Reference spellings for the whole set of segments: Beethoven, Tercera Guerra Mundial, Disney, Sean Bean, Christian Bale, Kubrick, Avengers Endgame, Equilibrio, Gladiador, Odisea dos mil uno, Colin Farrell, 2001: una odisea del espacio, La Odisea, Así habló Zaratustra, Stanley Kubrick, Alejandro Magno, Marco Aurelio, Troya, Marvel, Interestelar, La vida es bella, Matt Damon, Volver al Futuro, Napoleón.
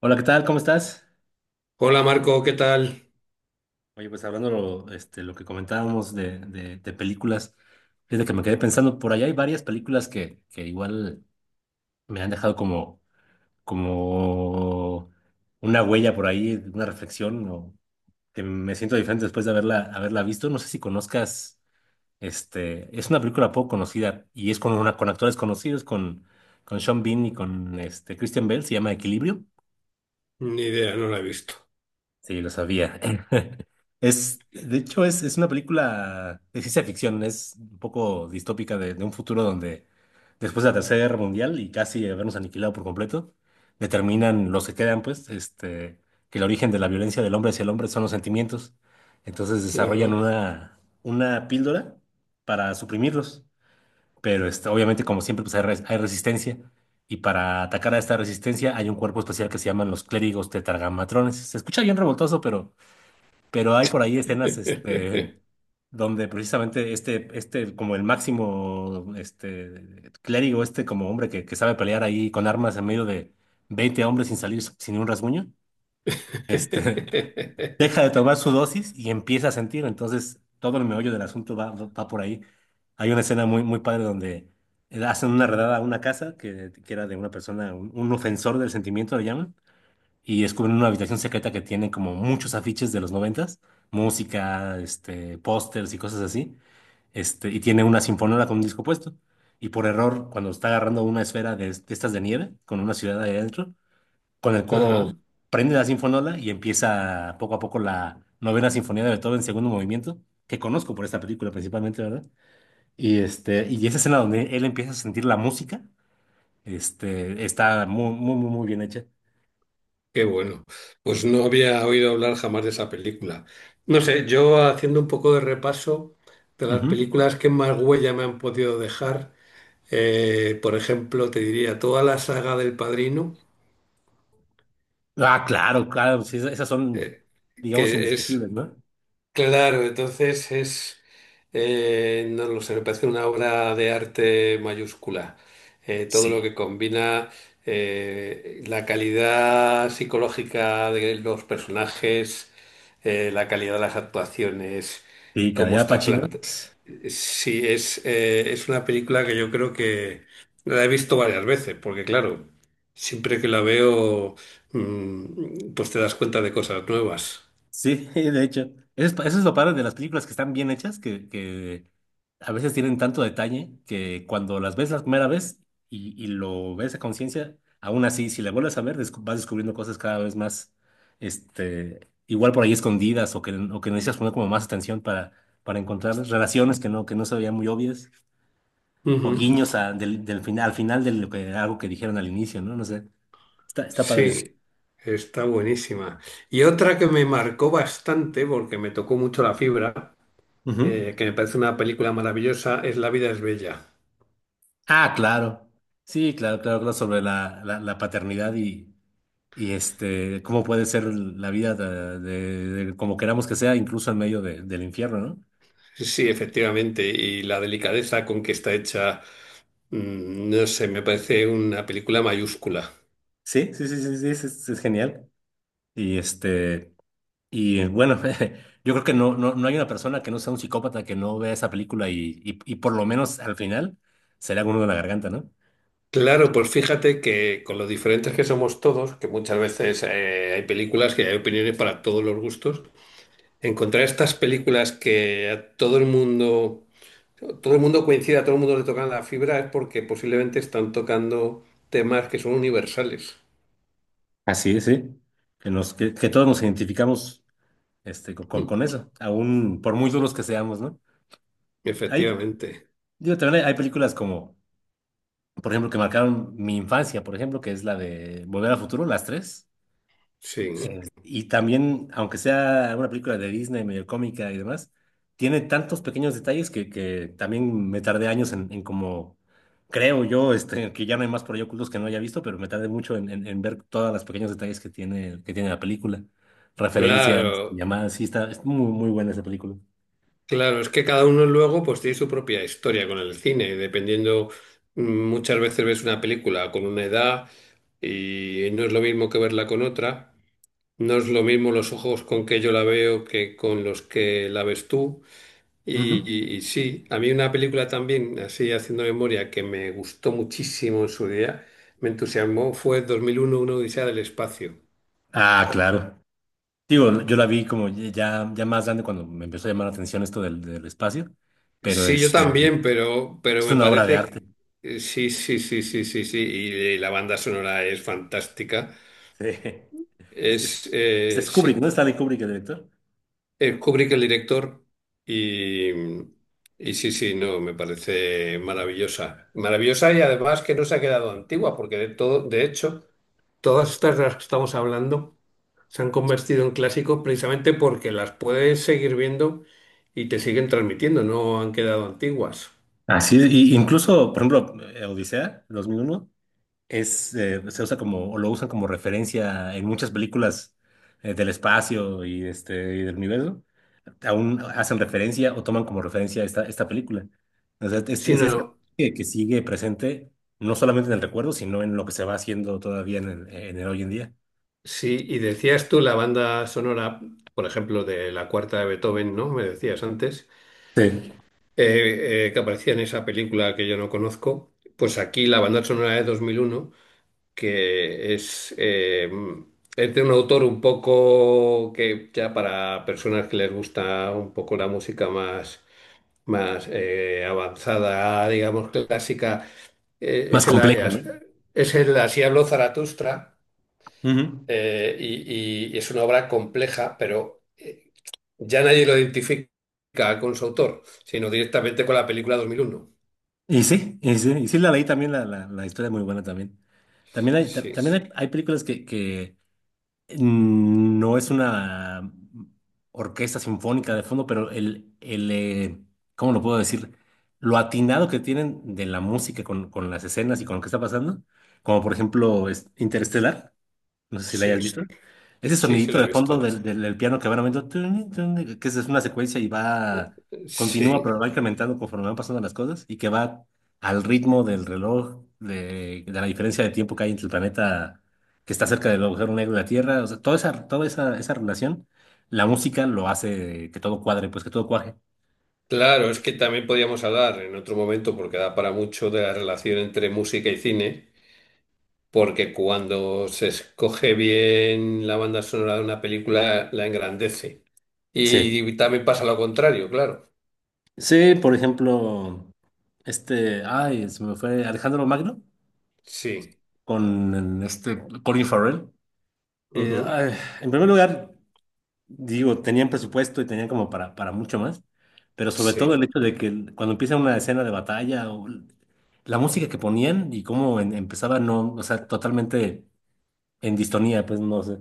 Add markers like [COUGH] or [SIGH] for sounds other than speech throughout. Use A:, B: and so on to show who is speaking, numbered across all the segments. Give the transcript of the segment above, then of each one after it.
A: Hola, ¿qué tal? ¿Cómo estás?
B: Hola Marco, ¿qué tal?
A: Oye, pues hablando lo que comentábamos de películas, fíjate que me quedé pensando, por allá hay varias películas que igual me han dejado como una huella por ahí, una reflexión, o que me siento diferente después de haberla visto. No sé si conozcas, es una película poco conocida y es con actores conocidos, con Sean Bean y con Christian Bale, se llama Equilibrio.
B: Ni idea, no la he visto.
A: Sí, lo sabía. [LAUGHS] De hecho, es una película de ciencia ficción, es un poco distópica de un futuro donde después de la Tercera Guerra Mundial y casi habernos aniquilado por completo, determinan los que quedan, pues, que el origen de la violencia del hombre hacia el hombre son los sentimientos. Entonces
B: Ajá.
A: desarrollan una píldora para suprimirlos, pero obviamente, como siempre, pues hay resistencia. Y para atacar a esta resistencia hay un cuerpo especial que se llaman los clérigos tetragamatrones. Se escucha bien revoltoso, pero... Pero hay por ahí escenas, donde precisamente como el máximo, clérigo, como hombre que sabe pelear ahí con armas en medio de 20 hombres sin salir sin un rasguño, este,
B: [LAUGHS]
A: [LAUGHS] deja de tomar su dosis y empieza a sentir. Entonces, todo el meollo del asunto va por ahí. Hay una escena muy, muy padre donde hacen una redada a una casa que era de una persona, un ofensor del sentimiento, le llaman y descubren una habitación secreta que tiene como muchos afiches de los 90, música, pósters y cosas así, y tiene una sinfonola con un disco puesto. Y por error, cuando está agarrando una esfera de estas de nieve, con una ciudad ahí adentro, con el codo
B: Ajá,
A: prende la sinfonola y empieza poco a poco la novena sinfonía de Beethoven, segundo movimiento, que conozco por esta película principalmente, ¿verdad? Y esa escena donde él empieza a sentir la música, está muy, muy, muy muy bien hecha.
B: qué bueno. Pues no había oído hablar jamás de esa película. No sé, yo haciendo un poco de repaso de las
A: Ujú.
B: películas que más huella me han podido dejar, por ejemplo, te diría toda la saga del Padrino,
A: Ah, claro, claro, sí, esas son, digamos,
B: que es.
A: indiscutibles, ¿no?
B: Claro, entonces es, no lo sé, me parece una obra de arte mayúscula. Todo lo
A: Sí.
B: que combina la calidad psicológica de los personajes, la calidad de las actuaciones,
A: Sí, cara,
B: cómo
A: ya
B: está
A: Pacino.
B: planteado. Sí, es una película que yo creo que la he visto varias veces, porque claro, siempre que la veo, pues te das cuenta de cosas nuevas.
A: Sí, [LAUGHS] de hecho. Eso es lo padre de las películas que están bien hechas, que a veces tienen tanto detalle que cuando las ves la primera vez y lo ves a conciencia, aún así, si la vuelves a ver, vas descubriendo cosas cada vez más, igual por ahí escondidas o que necesitas poner como más atención para encontrar relaciones que no se veían muy obvias. O
B: Ujú.
A: guiños del final, al final de lo que, algo que dijeron al inicio, ¿no? No sé, está padre eso.
B: Sí, está buenísima. Y otra que me marcó bastante, porque me tocó mucho la fibra,
A: Ujú.
B: que me parece una película maravillosa, es La vida es bella.
A: Ah, claro. Sí, claro, claro, claro, sobre la paternidad y cómo puede ser la vida de como queramos que sea, incluso en medio del infierno, ¿no?
B: Sí, efectivamente, y la delicadeza con que está hecha, no sé, me parece una película mayúscula.
A: Sí, sí, sí, sí, sí, es genial. Y y bueno, [LAUGHS] yo creo que no hay una persona que no sea un psicópata que no vea esa película y por lo menos al final se le haga uno de la garganta, ¿no?
B: Claro, pues fíjate que con lo diferentes que somos todos, que muchas veces hay películas que hay opiniones para todos los gustos, encontrar estas películas que a todo el mundo coincide, a todo el mundo le tocan la fibra, es porque posiblemente están tocando temas que son universales.
A: Así es, sí. Que todos nos identificamos este, co- con,
B: Mm,
A: con eso, aún por muy duros que seamos, ¿no? Hay,
B: efectivamente,
A: digo, también hay películas como, por ejemplo, que marcaron mi infancia, por ejemplo, que es la de Volver al Futuro, las tres.
B: sí.
A: Y también, aunque sea una película de Disney medio cómica y demás, tiene tantos pequeños detalles que también me tardé años en como, creo yo, que ya no hay más por ahí ocultos que no haya visto, pero me tardé mucho en ver todos los pequeños detalles que tiene la película. Referencias,
B: Claro,
A: llamadas, sí, está, es muy, muy buena esa película.
B: claro, es que cada uno luego pues tiene su propia historia con el cine, dependiendo, muchas veces ves una película con una edad y no es lo mismo que verla con otra, no es lo mismo los ojos con que yo la veo que con los que la ves tú.
A: Ujú.
B: Sí, a mí una película también, así haciendo memoria, que me gustó muchísimo en su día, me entusiasmó, fue 2001, una odisea del espacio.
A: Ah, claro. Digo, yo la vi como ya más grande cuando me empezó a llamar la atención esto del espacio, pero
B: Sí, yo también, pero
A: es
B: me
A: una obra de
B: parece...
A: arte.
B: sí, sí, sí, sí, sí, sí, y la banda sonora es fantástica.
A: Sí. Es, es-
B: Es,
A: es Kubrick, ¿no?
B: sí,
A: Stanley Kubrick, el director.
B: es Kubrick el director y, y sí, sí, no, me parece maravillosa. Maravillosa y además que no se ha quedado antigua, porque de todo, de hecho... Todas estas de las que estamos hablando se han convertido en clásicos precisamente porque las puedes seguir viendo y te siguen transmitiendo, no han quedado antiguas.
A: Así, y incluso, por ejemplo, Odisea 2001 se usa como, o lo usan como referencia en muchas películas del espacio y del universo. Aún hacen referencia o toman como referencia esta película. O sea, es, es
B: Sino,
A: que sigue presente no solamente en el recuerdo, sino en lo que se va haciendo todavía en el hoy en día.
B: sí, y decías tú la banda sonora, por ejemplo, de la cuarta de Beethoven, ¿no? Me decías antes,
A: Sí.
B: que aparecía en esa película que yo no conozco. Pues aquí la banda sonora de 2001 que es de un autor un poco que ya para personas que les gusta un poco la música más, más avanzada, digamos clásica, eh,
A: Más
B: es el,
A: complejo, ¿no?
B: es el Así habló Zaratustra
A: Ujú.
B: y es una obra compleja, pero ya nadie lo identifica con su autor, sino directamente con la película 2001.
A: Y sí, y sí, y sí la leí también, la historia es muy buena también. También hay, ta-
B: Sí,
A: también hay películas no es una orquesta sinfónica de fondo, pero el ¿cómo lo puedo decir? Lo atinado que tienen de la música con las escenas y con lo que está pasando, como por ejemplo es Interestelar. No sé si la hayas
B: sí,
A: visto. Ese
B: sí, sí
A: sonidito
B: la he
A: de fondo
B: visto.
A: del piano que van aumentando, tun, tun, que es una secuencia y va, continúa,
B: Sí.
A: pero va incrementando conforme van pasando las cosas y que va al ritmo del reloj, de la diferencia de tiempo que hay entre el planeta que está cerca del agujero negro de la Tierra. O sea, esa relación, la música lo hace que todo cuadre, pues que todo cuaje.
B: Claro, es que también podríamos hablar en otro momento, porque da para mucho, de la relación entre música y cine, porque cuando se escoge bien la banda sonora de una película, la engrandece.
A: Sí.
B: Y también pasa lo contrario, claro.
A: Sí, por ejemplo, ay, se me fue Alejandro Magno
B: Sí,
A: con Colin Farrell.
B: ujú,
A: Ay, en primer lugar, digo, tenían presupuesto y tenían como para mucho más, pero sobre todo el
B: sí.
A: hecho de que cuando empieza una escena de batalla, la música que ponían y cómo empezaba, no, o sea, totalmente en distonía, pues no sé.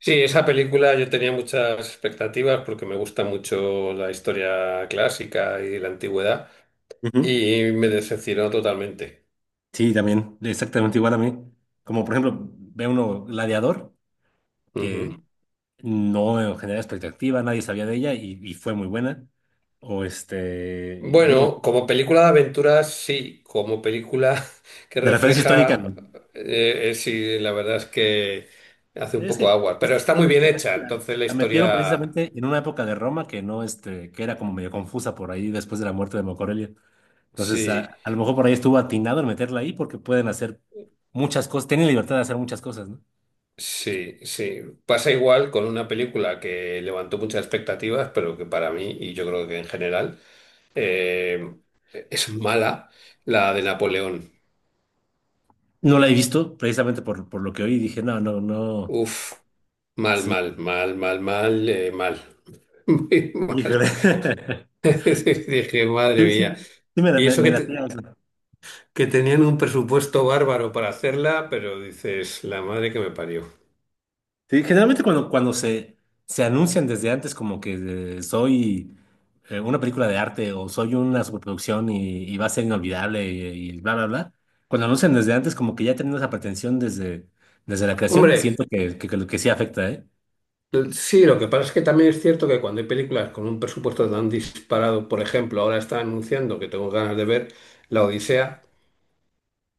B: Sí, esa película yo tenía muchas expectativas porque me gusta mucho la historia clásica y la antigüedad,
A: Ujú.
B: y me decepcionó totalmente.
A: Sí, también, exactamente igual a mí. Como por ejemplo, ve uno Gladiador, que
B: Ujú.
A: no generaba expectativa, nadie sabía de ella y fue muy buena. O digo,
B: Bueno, como película de aventuras, sí, como película [LAUGHS] que
A: de referencia histórica, no.
B: refleja, sí, la verdad es que hace un
A: Es
B: poco
A: que
B: agua, pero
A: pues,
B: está muy bien
A: precisamente
B: hecha, entonces la
A: la metieron
B: historia,
A: precisamente en una época de Roma que no, que era como medio confusa por ahí después de la muerte de Marco Aurelio. Entonces,
B: sí,
A: a lo mejor por ahí estuvo atinado en meterla ahí porque pueden hacer muchas cosas, tienen libertad de hacer muchas cosas, ¿no?
B: sí, sí. Pasa igual con una película que levantó muchas expectativas, pero que para mí, y yo creo que en general, eh, es mala, la de Napoleón.
A: No la he visto precisamente por lo que oí, dije, no, no, no.
B: Uf, mal,
A: Sí,
B: mal, mal, mal, mal, mal, [LAUGHS] muy mal.
A: híjole.
B: [LAUGHS]
A: [LAUGHS]
B: Dije, madre
A: Sí,
B: mía.
A: sí, sí me,
B: Y
A: me,
B: eso
A: me
B: que,
A: latía, o sea.
B: que tenían un presupuesto bárbaro para hacerla, pero dices, la madre que me parió.
A: Sí, generalmente cuando se anuncian desde antes como que soy una película de arte o soy una superproducción y va a ser inolvidable y bla, bla, bla, cuando anuncian desde antes como que ya tienen esa pretensión desde la creación, siento
B: Hombre,
A: que, lo que sí afecta, ¿eh?
B: sí, lo que pasa es que también es cierto que cuando hay películas con un presupuesto tan disparado, por ejemplo, ahora está anunciando que tengo ganas de ver La Odisea,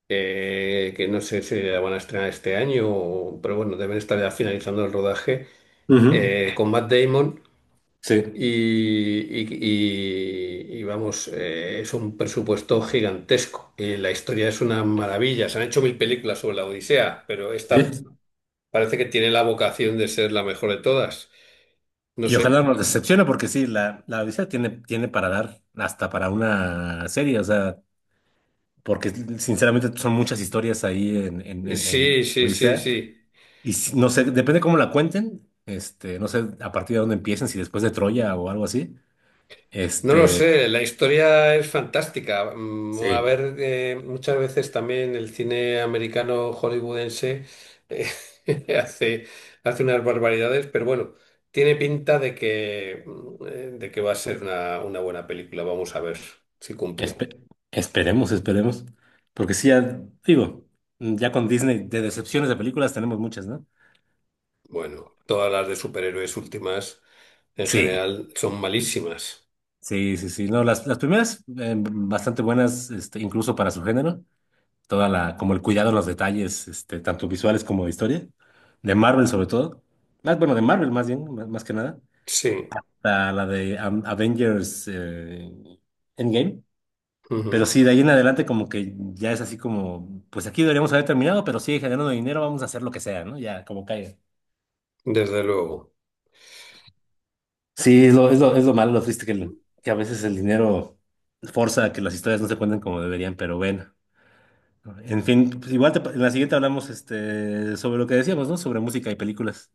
B: que no sé si la van a estrenar este año, pero bueno, deben estar ya finalizando el rodaje,
A: Ujú.
B: con Matt Damon.
A: Sí.
B: Y vamos, es un presupuesto gigantesco. La historia es una maravilla. Se han hecho mil películas sobre la Odisea, pero esta
A: Sí.
B: parece que tiene la vocación de ser la mejor de todas. No
A: Y ojalá
B: sé.
A: no nos decepcione porque sí, la Odisea tiene para dar hasta para una serie, o sea, porque sinceramente son muchas historias ahí en
B: Sí, sí, sí,
A: Odisea.
B: sí.
A: Y no sé, depende cómo la cuenten, no sé a partir de dónde empiecen, si después de Troya o algo así.
B: No lo
A: Este,
B: sé, la historia es fantástica. Mm, a
A: sí,
B: ver, muchas veces también el cine americano hollywoodense eh, [LAUGHS] hace, hace unas barbaridades, pero bueno, tiene pinta de que, de que va a ser una buena película. Vamos a ver si cumple.
A: espe- esperemos, esperemos. Porque sí, ya, digo, ya con Disney de decepciones de películas tenemos muchas, ¿no?
B: Bueno, todas las de superhéroes últimas en
A: Sí,
B: general son malísimas.
A: sí, sí, sí. No, las primeras bastante buenas, incluso para su género. Toda como el cuidado en los detalles, tanto visuales como de historia. De Marvel sobre todo. Bueno, de Marvel más bien, más que nada.
B: Sí,
A: La de Avengers Endgame. Pero
B: ujú,
A: sí, de ahí en adelante como que ya es así como, pues aquí deberíamos haber terminado, pero sigue generando dinero, vamos a hacer lo que sea, ¿no? Ya, como caiga.
B: desde luego.
A: Sí, es lo malo, lo triste que, que a veces el dinero forza a que las historias no se cuenten como deberían, pero bueno. En fin, pues igual te en la siguiente hablamos sobre lo que decíamos, ¿no? Sobre música y películas,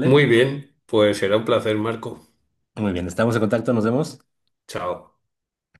B: Muy bien, pues será un placer, Marco.
A: Muy bien, estamos en contacto, nos vemos.
B: Chao.